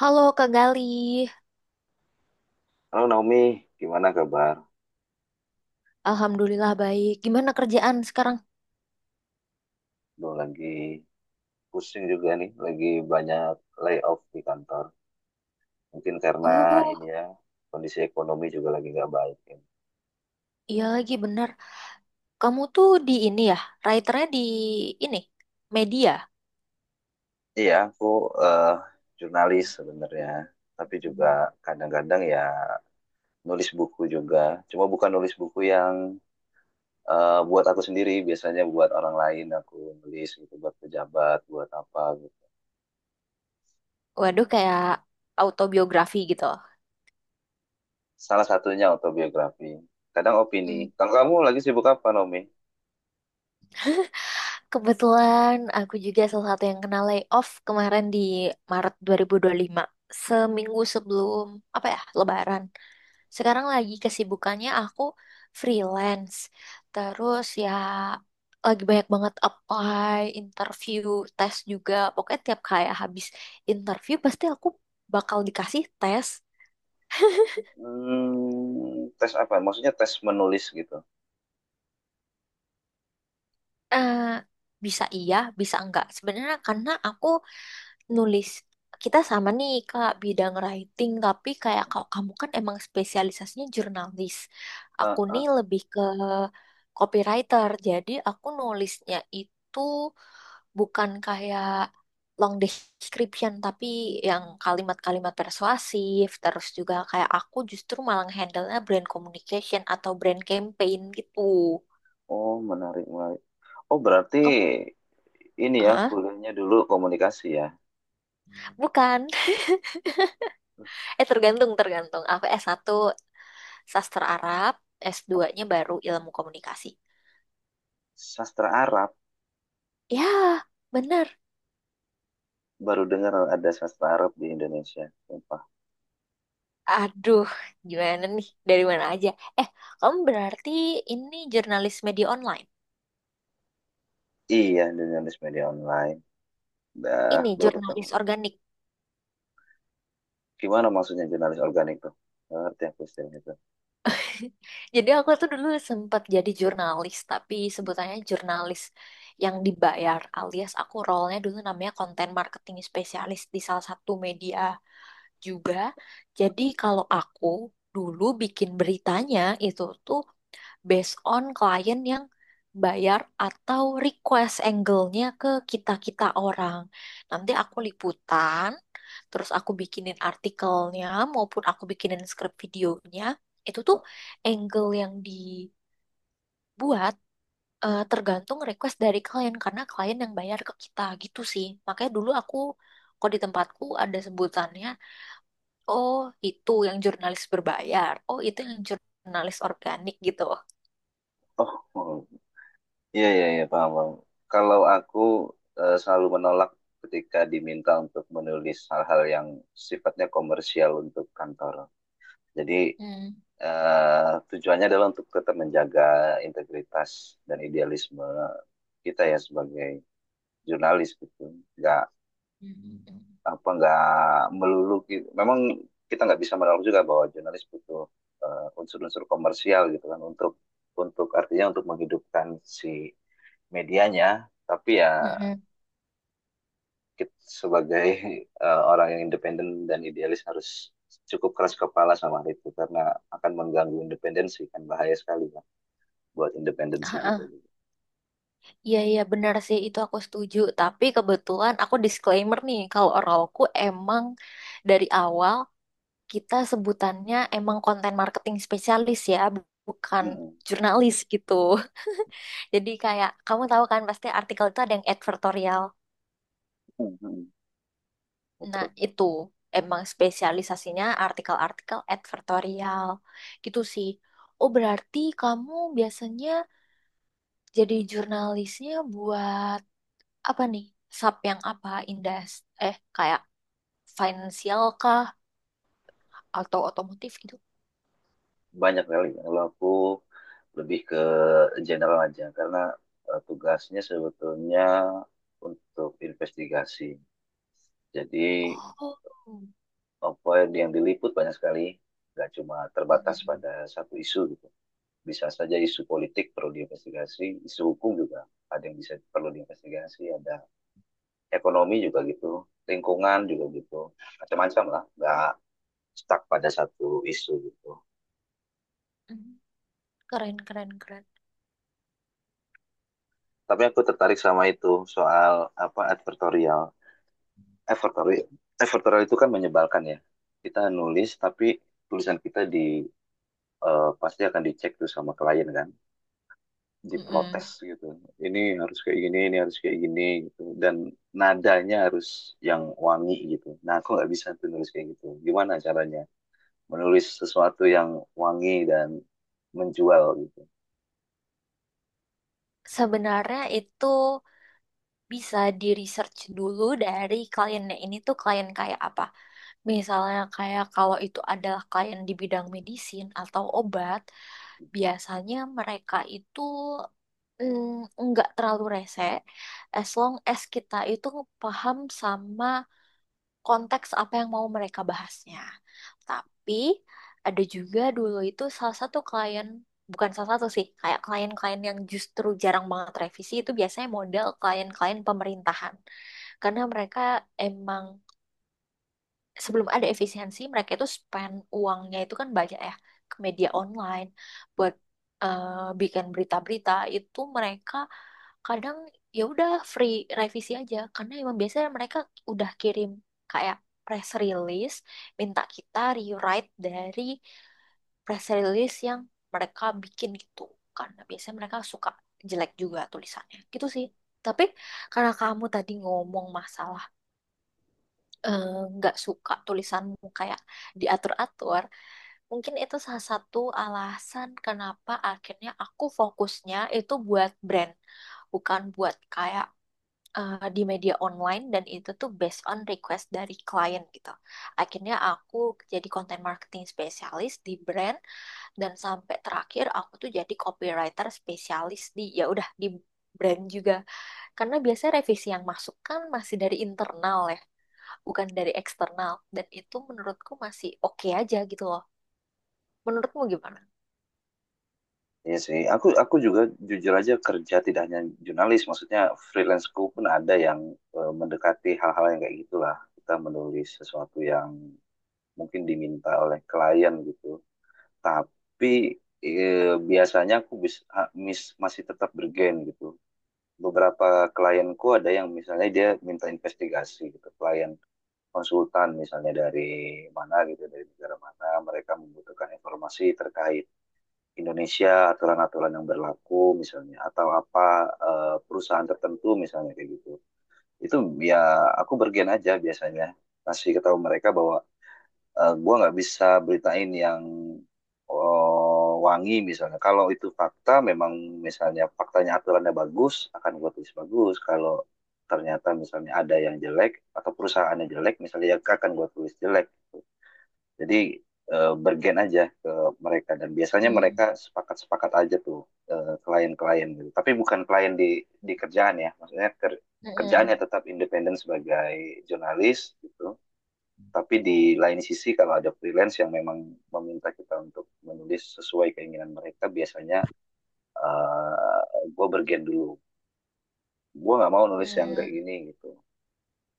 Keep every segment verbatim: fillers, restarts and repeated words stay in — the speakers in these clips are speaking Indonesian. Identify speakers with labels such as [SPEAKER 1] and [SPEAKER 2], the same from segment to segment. [SPEAKER 1] Halo Kak Gali,
[SPEAKER 2] Halo Naomi, gimana kabar?
[SPEAKER 1] alhamdulillah baik. Gimana kerjaan sekarang?
[SPEAKER 2] Lo lagi pusing juga nih, lagi banyak layoff di kantor. Mungkin karena
[SPEAKER 1] Oh,
[SPEAKER 2] ini ya, kondisi ekonomi juga lagi nggak baik, ya.
[SPEAKER 1] iya lagi benar. Kamu tuh di ini ya, writernya di ini, media.
[SPEAKER 2] Iya, aku eh, jurnalis sebenarnya, tapi juga kadang-kadang ya nulis buku juga. Cuma bukan nulis buku yang eh, buat aku sendiri, biasanya buat orang lain aku nulis gitu, buat pejabat, buat apa gitu.
[SPEAKER 1] Waduh, kayak autobiografi gitu.
[SPEAKER 2] Salah satunya autobiografi. Kadang opini.
[SPEAKER 1] Hmm.
[SPEAKER 2] Kalau kamu lagi sibuk apa, Naomi?
[SPEAKER 1] Kebetulan aku juga salah satu yang kena layoff kemarin di Maret dua ribu dua puluh lima. Seminggu sebelum, apa ya, Lebaran. Sekarang lagi kesibukannya aku freelance. Terus ya lagi banyak banget apply, interview, tes juga. Pokoknya tiap kayak habis interview pasti aku bakal dikasih tes.
[SPEAKER 2] Hmm, tes apa? Maksudnya tes menulis gitu.
[SPEAKER 1] Eh, Bisa iya, bisa enggak. Sebenarnya karena aku nulis kita sama nih Kak bidang writing, tapi kayak kalau kamu kan emang spesialisasinya jurnalis. Aku
[SPEAKER 2] Ah,
[SPEAKER 1] nih
[SPEAKER 2] ah.
[SPEAKER 1] lebih ke copywriter. Jadi aku nulisnya itu bukan kayak long description tapi yang kalimat-kalimat persuasif terus juga kayak aku justru malah handle-nya brand communication atau brand campaign gitu
[SPEAKER 2] Oh, menarik, menarik. Oh, berarti
[SPEAKER 1] kamu.
[SPEAKER 2] ini ya,
[SPEAKER 1] Hah?
[SPEAKER 2] kuliahnya dulu komunikasi ya.
[SPEAKER 1] Bukan. eh tergantung tergantung aku s satu sastra Arab, S dua nya baru ilmu komunikasi.
[SPEAKER 2] Sastra Arab,
[SPEAKER 1] Ya bener.
[SPEAKER 2] baru dengar ada sastra Arab di Indonesia. Sumpah.
[SPEAKER 1] Aduh, gimana nih dari mana aja. eh Kamu berarti ini jurnalis media online.
[SPEAKER 2] Iya, jurnalis media online. Dah
[SPEAKER 1] Ini
[SPEAKER 2] berapa
[SPEAKER 1] jurnalis
[SPEAKER 2] tahun?
[SPEAKER 1] organik.
[SPEAKER 2] Gimana maksudnya jurnalis organik tuh? Nggak ngerti aku istilah itu.
[SPEAKER 1] Jadi aku tuh dulu sempat jadi jurnalis, tapi sebutannya jurnalis yang dibayar alias aku role-nya dulu namanya content marketing spesialis di salah satu media juga. Jadi kalau aku dulu bikin beritanya itu tuh based on klien yang bayar atau request angle-nya ke kita-kita orang. Nanti aku liputan, terus aku bikinin artikelnya maupun aku bikinin skrip videonya. Itu tuh angle yang dibuat eh, tergantung request dari klien karena klien yang bayar ke kita gitu sih. Makanya dulu aku kok di tempatku ada sebutannya, oh itu yang jurnalis berbayar, oh itu yang jurnalis organik gitu.
[SPEAKER 2] Oh, oh. Iya, iya, iya, paham, paham. Kalau aku eh, selalu menolak ketika diminta untuk menulis hal-hal yang sifatnya komersial untuk kantor. Jadi,
[SPEAKER 1] Hmm.
[SPEAKER 2] eh, tujuannya adalah untuk tetap menjaga integritas dan idealisme kita ya sebagai jurnalis gitu. Nggak,
[SPEAKER 1] Hmm.
[SPEAKER 2] apa, nggak melulu gitu. Memang kita nggak bisa menolak juga bahwa jurnalis butuh eh, unsur-unsur komersial gitu kan untuk untuk artinya untuk menghidupkan si medianya, tapi ya
[SPEAKER 1] Mm-mm.
[SPEAKER 2] kita sebagai eh, orang yang independen dan idealis harus cukup keras kepala sama hal itu, karena akan mengganggu independensi kan, bahaya sekali kan buat independensi kita juga.
[SPEAKER 1] Iya iya benar sih itu aku setuju, tapi kebetulan aku disclaimer nih kalau Oralku emang dari awal kita sebutannya emang konten marketing spesialis ya, bu- bukan
[SPEAKER 2] Mm-mm.
[SPEAKER 1] jurnalis gitu. Jadi kayak kamu tahu kan pasti artikel itu ada yang advertorial,
[SPEAKER 2] Mm-mm.
[SPEAKER 1] nah
[SPEAKER 2] Betul.
[SPEAKER 1] itu emang spesialisasinya artikel-artikel advertorial gitu sih. Oh berarti kamu biasanya jadi jurnalisnya buat apa nih, sub yang apa indas, eh kayak financial kah atau otomotif gitu.
[SPEAKER 2] Banyak kali. Kalau aku lebih ke general aja, karena eh, tugasnya sebetulnya untuk investigasi. Jadi
[SPEAKER 1] Oh.
[SPEAKER 2] apa yang diliput banyak sekali, nggak cuma terbatas
[SPEAKER 1] Mm.
[SPEAKER 2] pada satu isu gitu. Bisa saja isu politik perlu diinvestigasi, isu hukum juga ada yang bisa perlu diinvestigasi, ada ekonomi juga gitu, lingkungan juga gitu, macam-macam lah, nggak stuck pada satu isu gitu.
[SPEAKER 1] Keren keren keren.
[SPEAKER 2] Tapi aku tertarik sama itu soal apa, advertorial. Advertorial, advertorial itu kan menyebalkan ya. Kita nulis tapi tulisan kita di eh, pasti akan dicek tuh sama klien kan,
[SPEAKER 1] Mm-mm.
[SPEAKER 2] diprotes gitu. Ini harus kayak gini, ini harus kayak gini gitu. Dan nadanya harus yang wangi gitu. Nah, aku nggak bisa tuh nulis kayak gitu. Gimana caranya menulis sesuatu yang wangi dan menjual gitu?
[SPEAKER 1] Sebenarnya itu bisa di research dulu dari kliennya, ini tuh klien kayak apa, misalnya kayak kalau itu adalah klien di bidang medisin atau obat biasanya mereka itu mm, nggak terlalu rese as long as kita itu paham sama konteks apa yang mau mereka bahasnya. Tapi ada juga dulu itu salah satu klien, bukan salah satu sih, kayak klien-klien yang justru jarang banget revisi itu biasanya model klien-klien pemerintahan. Karena mereka emang sebelum ada efisiensi mereka itu spend uangnya itu kan banyak ya ke media online buat eh, bikin berita-berita itu mereka kadang ya udah free revisi aja karena emang biasanya mereka udah kirim kayak press release, minta kita rewrite dari press release yang mereka bikin gitu karena biasanya mereka suka jelek juga tulisannya gitu sih. Tapi karena kamu tadi ngomong masalah eh, nggak suka tulisanmu kayak diatur-atur, mungkin itu salah satu alasan kenapa akhirnya aku fokusnya itu buat brand, bukan buat kayak eh, di media online dan itu tuh based on request dari klien gitu. Akhirnya aku jadi content marketing spesialis di brand dan sampai terakhir aku tuh jadi copywriter spesialis di ya udah di brand juga. Karena biasanya revisi yang masuk kan masih dari internal ya bukan dari eksternal dan itu menurutku masih oke aja gitu loh. Menurutmu gimana?
[SPEAKER 2] Iya sih, aku aku juga jujur aja kerja tidak hanya jurnalis, maksudnya freelanceku pun ada yang eh, mendekati hal-hal yang kayak gitulah. Kita menulis sesuatu yang mungkin diminta oleh klien gitu, tapi eh, biasanya aku bis- ha- mis- masih tetap bergen gitu. Beberapa klienku ada yang misalnya dia minta investigasi gitu, klien konsultan misalnya dari mana gitu, dari negara mana, mereka membutuhkan informasi terkait Indonesia, aturan-aturan yang berlaku misalnya, atau apa eh, perusahaan tertentu misalnya kayak gitu. Itu ya aku bergen aja biasanya, kasih tahu mereka bahwa eh, gua nggak bisa beritain yang oh, wangi misalnya. Kalau itu fakta, memang misalnya faktanya aturannya bagus, akan gue tulis bagus. Kalau ternyata misalnya ada yang jelek atau perusahaannya jelek, misalnya ya akan gue tulis jelek. Jadi eh, bergen aja ke mereka dan biasanya mereka
[SPEAKER 1] Hmm.
[SPEAKER 2] sepakat-sepakat aja tuh eh, klien-klien gitu. Tapi bukan klien di di kerjaan ya, maksudnya ker- kerjaannya
[SPEAKER 1] Mm-mm.
[SPEAKER 2] tetap independen sebagai jurnalis gitu, tapi di lain sisi kalau ada freelance yang memang meminta kita untuk menulis sesuai keinginan mereka, biasanya uh, gue bergen dulu. Gue nggak mau nulis yang
[SPEAKER 1] Mm,
[SPEAKER 2] kayak gini gitu.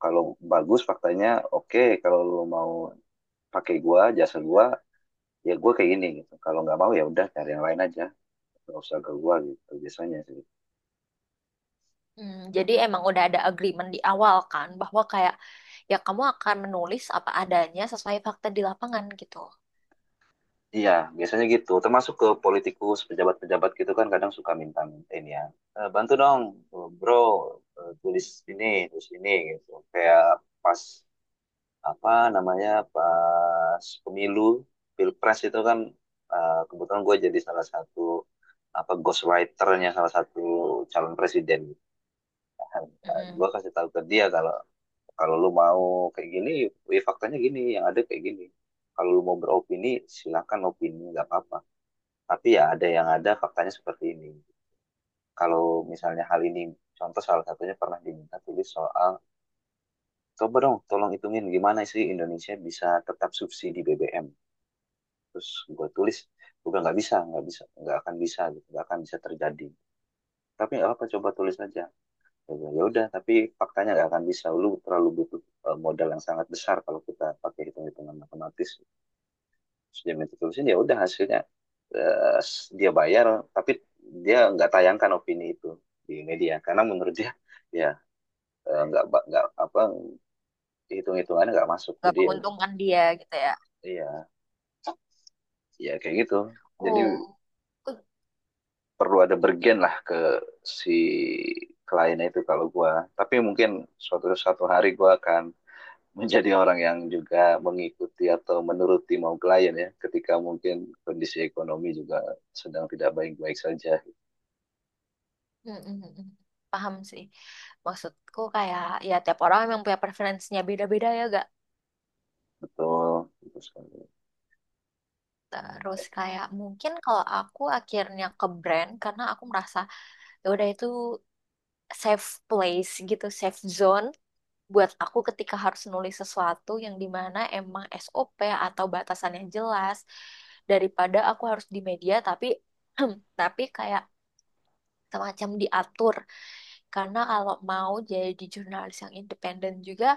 [SPEAKER 2] Kalau bagus faktanya oke, kalau lo mau pakai gue, jasa gue, ya gue kayak gini gitu. Kalau nggak mau ya udah cari yang lain aja. Nggak usah ke gue gitu biasanya sih.
[SPEAKER 1] mm. Jadi emang udah ada agreement di awal kan bahwa kayak ya kamu akan menulis apa adanya sesuai fakta di lapangan gitu.
[SPEAKER 2] Iya, biasanya gitu. Termasuk ke politikus, pejabat-pejabat gitu kan kadang suka minta-minta ini ya. "Eh, bantu dong, eh, bro, eh, tulis ini, tulis ini gitu." Kayak pas apa namanya, pas pemilu, pilpres itu kan eh, kebetulan gue jadi salah satu apa, ghostwriternya salah satu calon presiden. Gue
[SPEAKER 1] Mm-mm.
[SPEAKER 2] kasih tahu ke dia kalau kalau lu mau kayak gini, wih, faktanya gini, yang ada kayak gini. Kalau lu mau beropini, silakan opini, nggak apa-apa, tapi ya ada yang ada faktanya seperti ini. Kalau misalnya hal ini, contoh salah satunya pernah diminta tulis soal, coba dong tolong hitungin gimana sih Indonesia bisa tetap subsidi B B M. Terus gue tulis, gue bilang, nggak bisa, nggak bisa, nggak akan bisa, gitu, nggak akan bisa terjadi. Tapi nggak apa, coba tulis aja. Gua bilang, ya udah, tapi faktanya nggak akan bisa. Lu terlalu butuh eh, modal yang sangat besar kalau kita pakai hitung-hitungan matematis. Sudah minta tulisan ya udah hasilnya eh, dia bayar tapi dia nggak tayangkan opini itu di media, karena menurut dia ya eh, nggak ba- nggak apa, hitung hitungannya nggak masuk,
[SPEAKER 1] Gak
[SPEAKER 2] jadi ya udah.
[SPEAKER 1] menguntungkan dia gitu ya.
[SPEAKER 2] Iya, ya kayak gitu. Jadi
[SPEAKER 1] Oh, uh,
[SPEAKER 2] perlu ada bergen lah ke si kliennya itu kalau gua, tapi mungkin suatu suatu hari gua akan menjadi orang yang juga mengikuti atau menuruti mau klien ya, ketika mungkin kondisi ekonomi juga sedang tidak baik-baik saja.
[SPEAKER 1] mm, mm, mm. Paham sih. Maksudku kayak ya tiap orang memang punya preferensinya beda-beda ya gak?
[SPEAKER 2] Betul, betul sekali.
[SPEAKER 1] Terus kayak mungkin kalau aku akhirnya ke brand karena aku merasa ya udah itu safe place gitu, safe zone buat aku ketika harus nulis sesuatu yang dimana emang S O P atau batasannya jelas daripada aku harus di media tapi tapi kayak semacam diatur karena kalau mau jadi jurnalis yang independen juga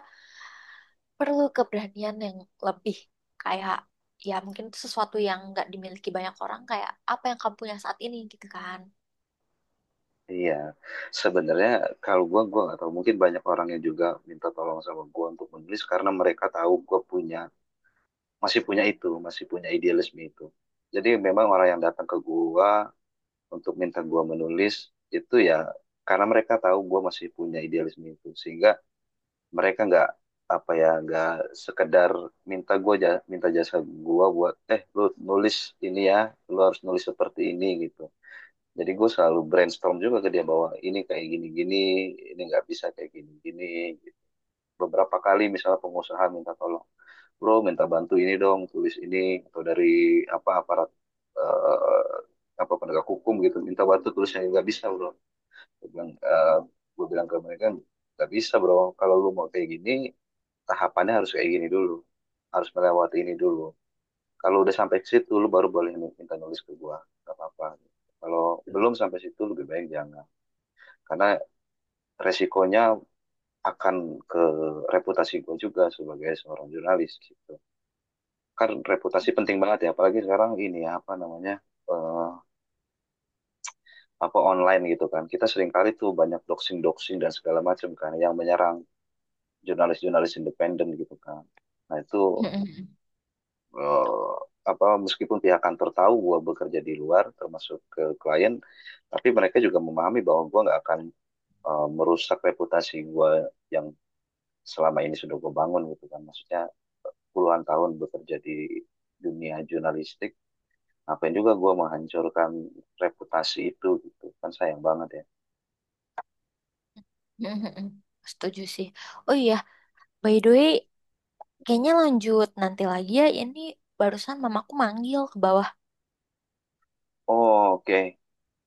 [SPEAKER 1] perlu keberanian yang lebih, kayak ya mungkin itu sesuatu yang nggak dimiliki banyak orang kayak apa yang kamu punya saat ini gitu kan.
[SPEAKER 2] Iya, sebenarnya kalau gua gua nggak tahu. Mungkin banyak orang yang juga minta tolong sama gua untuk menulis karena mereka tahu gua punya, masih punya itu, masih punya idealisme itu. Jadi memang orang yang datang ke gua untuk minta gua menulis itu ya karena mereka tahu gua masih punya idealisme itu, sehingga mereka nggak apa ya, nggak sekedar minta gua ja- minta jasa gua buat, eh, lu nulis ini ya, lu harus nulis seperti ini gitu. Jadi gue selalu brainstorm juga ke dia bahwa ini kayak gini-gini, ini nggak bisa kayak gini-gini. Beberapa kali misalnya pengusaha minta tolong, bro minta bantu ini dong, tulis ini, atau dari apa aparat eh, apa penegak hukum gitu, minta bantu tulisnya nggak bisa bro. Gue bilang, eh, gue bilang ke mereka nggak bisa bro, kalau lu mau kayak gini tahapannya harus kayak gini dulu, harus melewati ini dulu. Kalau udah sampai ke situ, lu baru boleh minta nulis ke gua, nggak apa-apa. Kalau belum sampai situ, lebih baik jangan, karena resikonya akan ke reputasi gue juga sebagai seorang jurnalis gitu kan. Reputasi penting banget ya apalagi sekarang ini ya, apa namanya, eh, apa online gitu kan, kita sering kali tuh banyak doxing doxing dan segala macam kan yang menyerang jurnalis-jurnalis independen gitu kan. Nah itu eh, apa, meskipun pihak kantor tahu gue bekerja di luar termasuk ke klien, tapi mereka juga memahami bahwa gue nggak akan eh, merusak reputasi gue yang selama ini sudah gue bangun gitu kan, maksudnya puluhan tahun bekerja di dunia jurnalistik, ngapain juga gue menghancurkan reputasi itu gitu kan, sayang banget ya.
[SPEAKER 1] Setuju sih. Oh iya, by the way, kayaknya lanjut nanti lagi ya. Ini barusan mamaku manggil ke bawah.
[SPEAKER 2] Oh oke,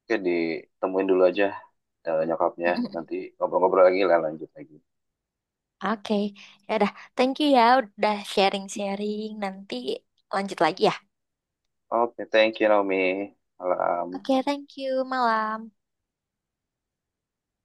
[SPEAKER 2] oke, ditemuin dulu aja eh, nyokapnya, nanti ngobrol-ngobrol lagi lah, lanjut lagi.
[SPEAKER 1] Oke, ya udah. Thank you ya udah sharing-sharing. Nanti lanjut lagi ya.
[SPEAKER 2] Oke, thank you Naomi, malam.
[SPEAKER 1] Oke, thank you. Malam.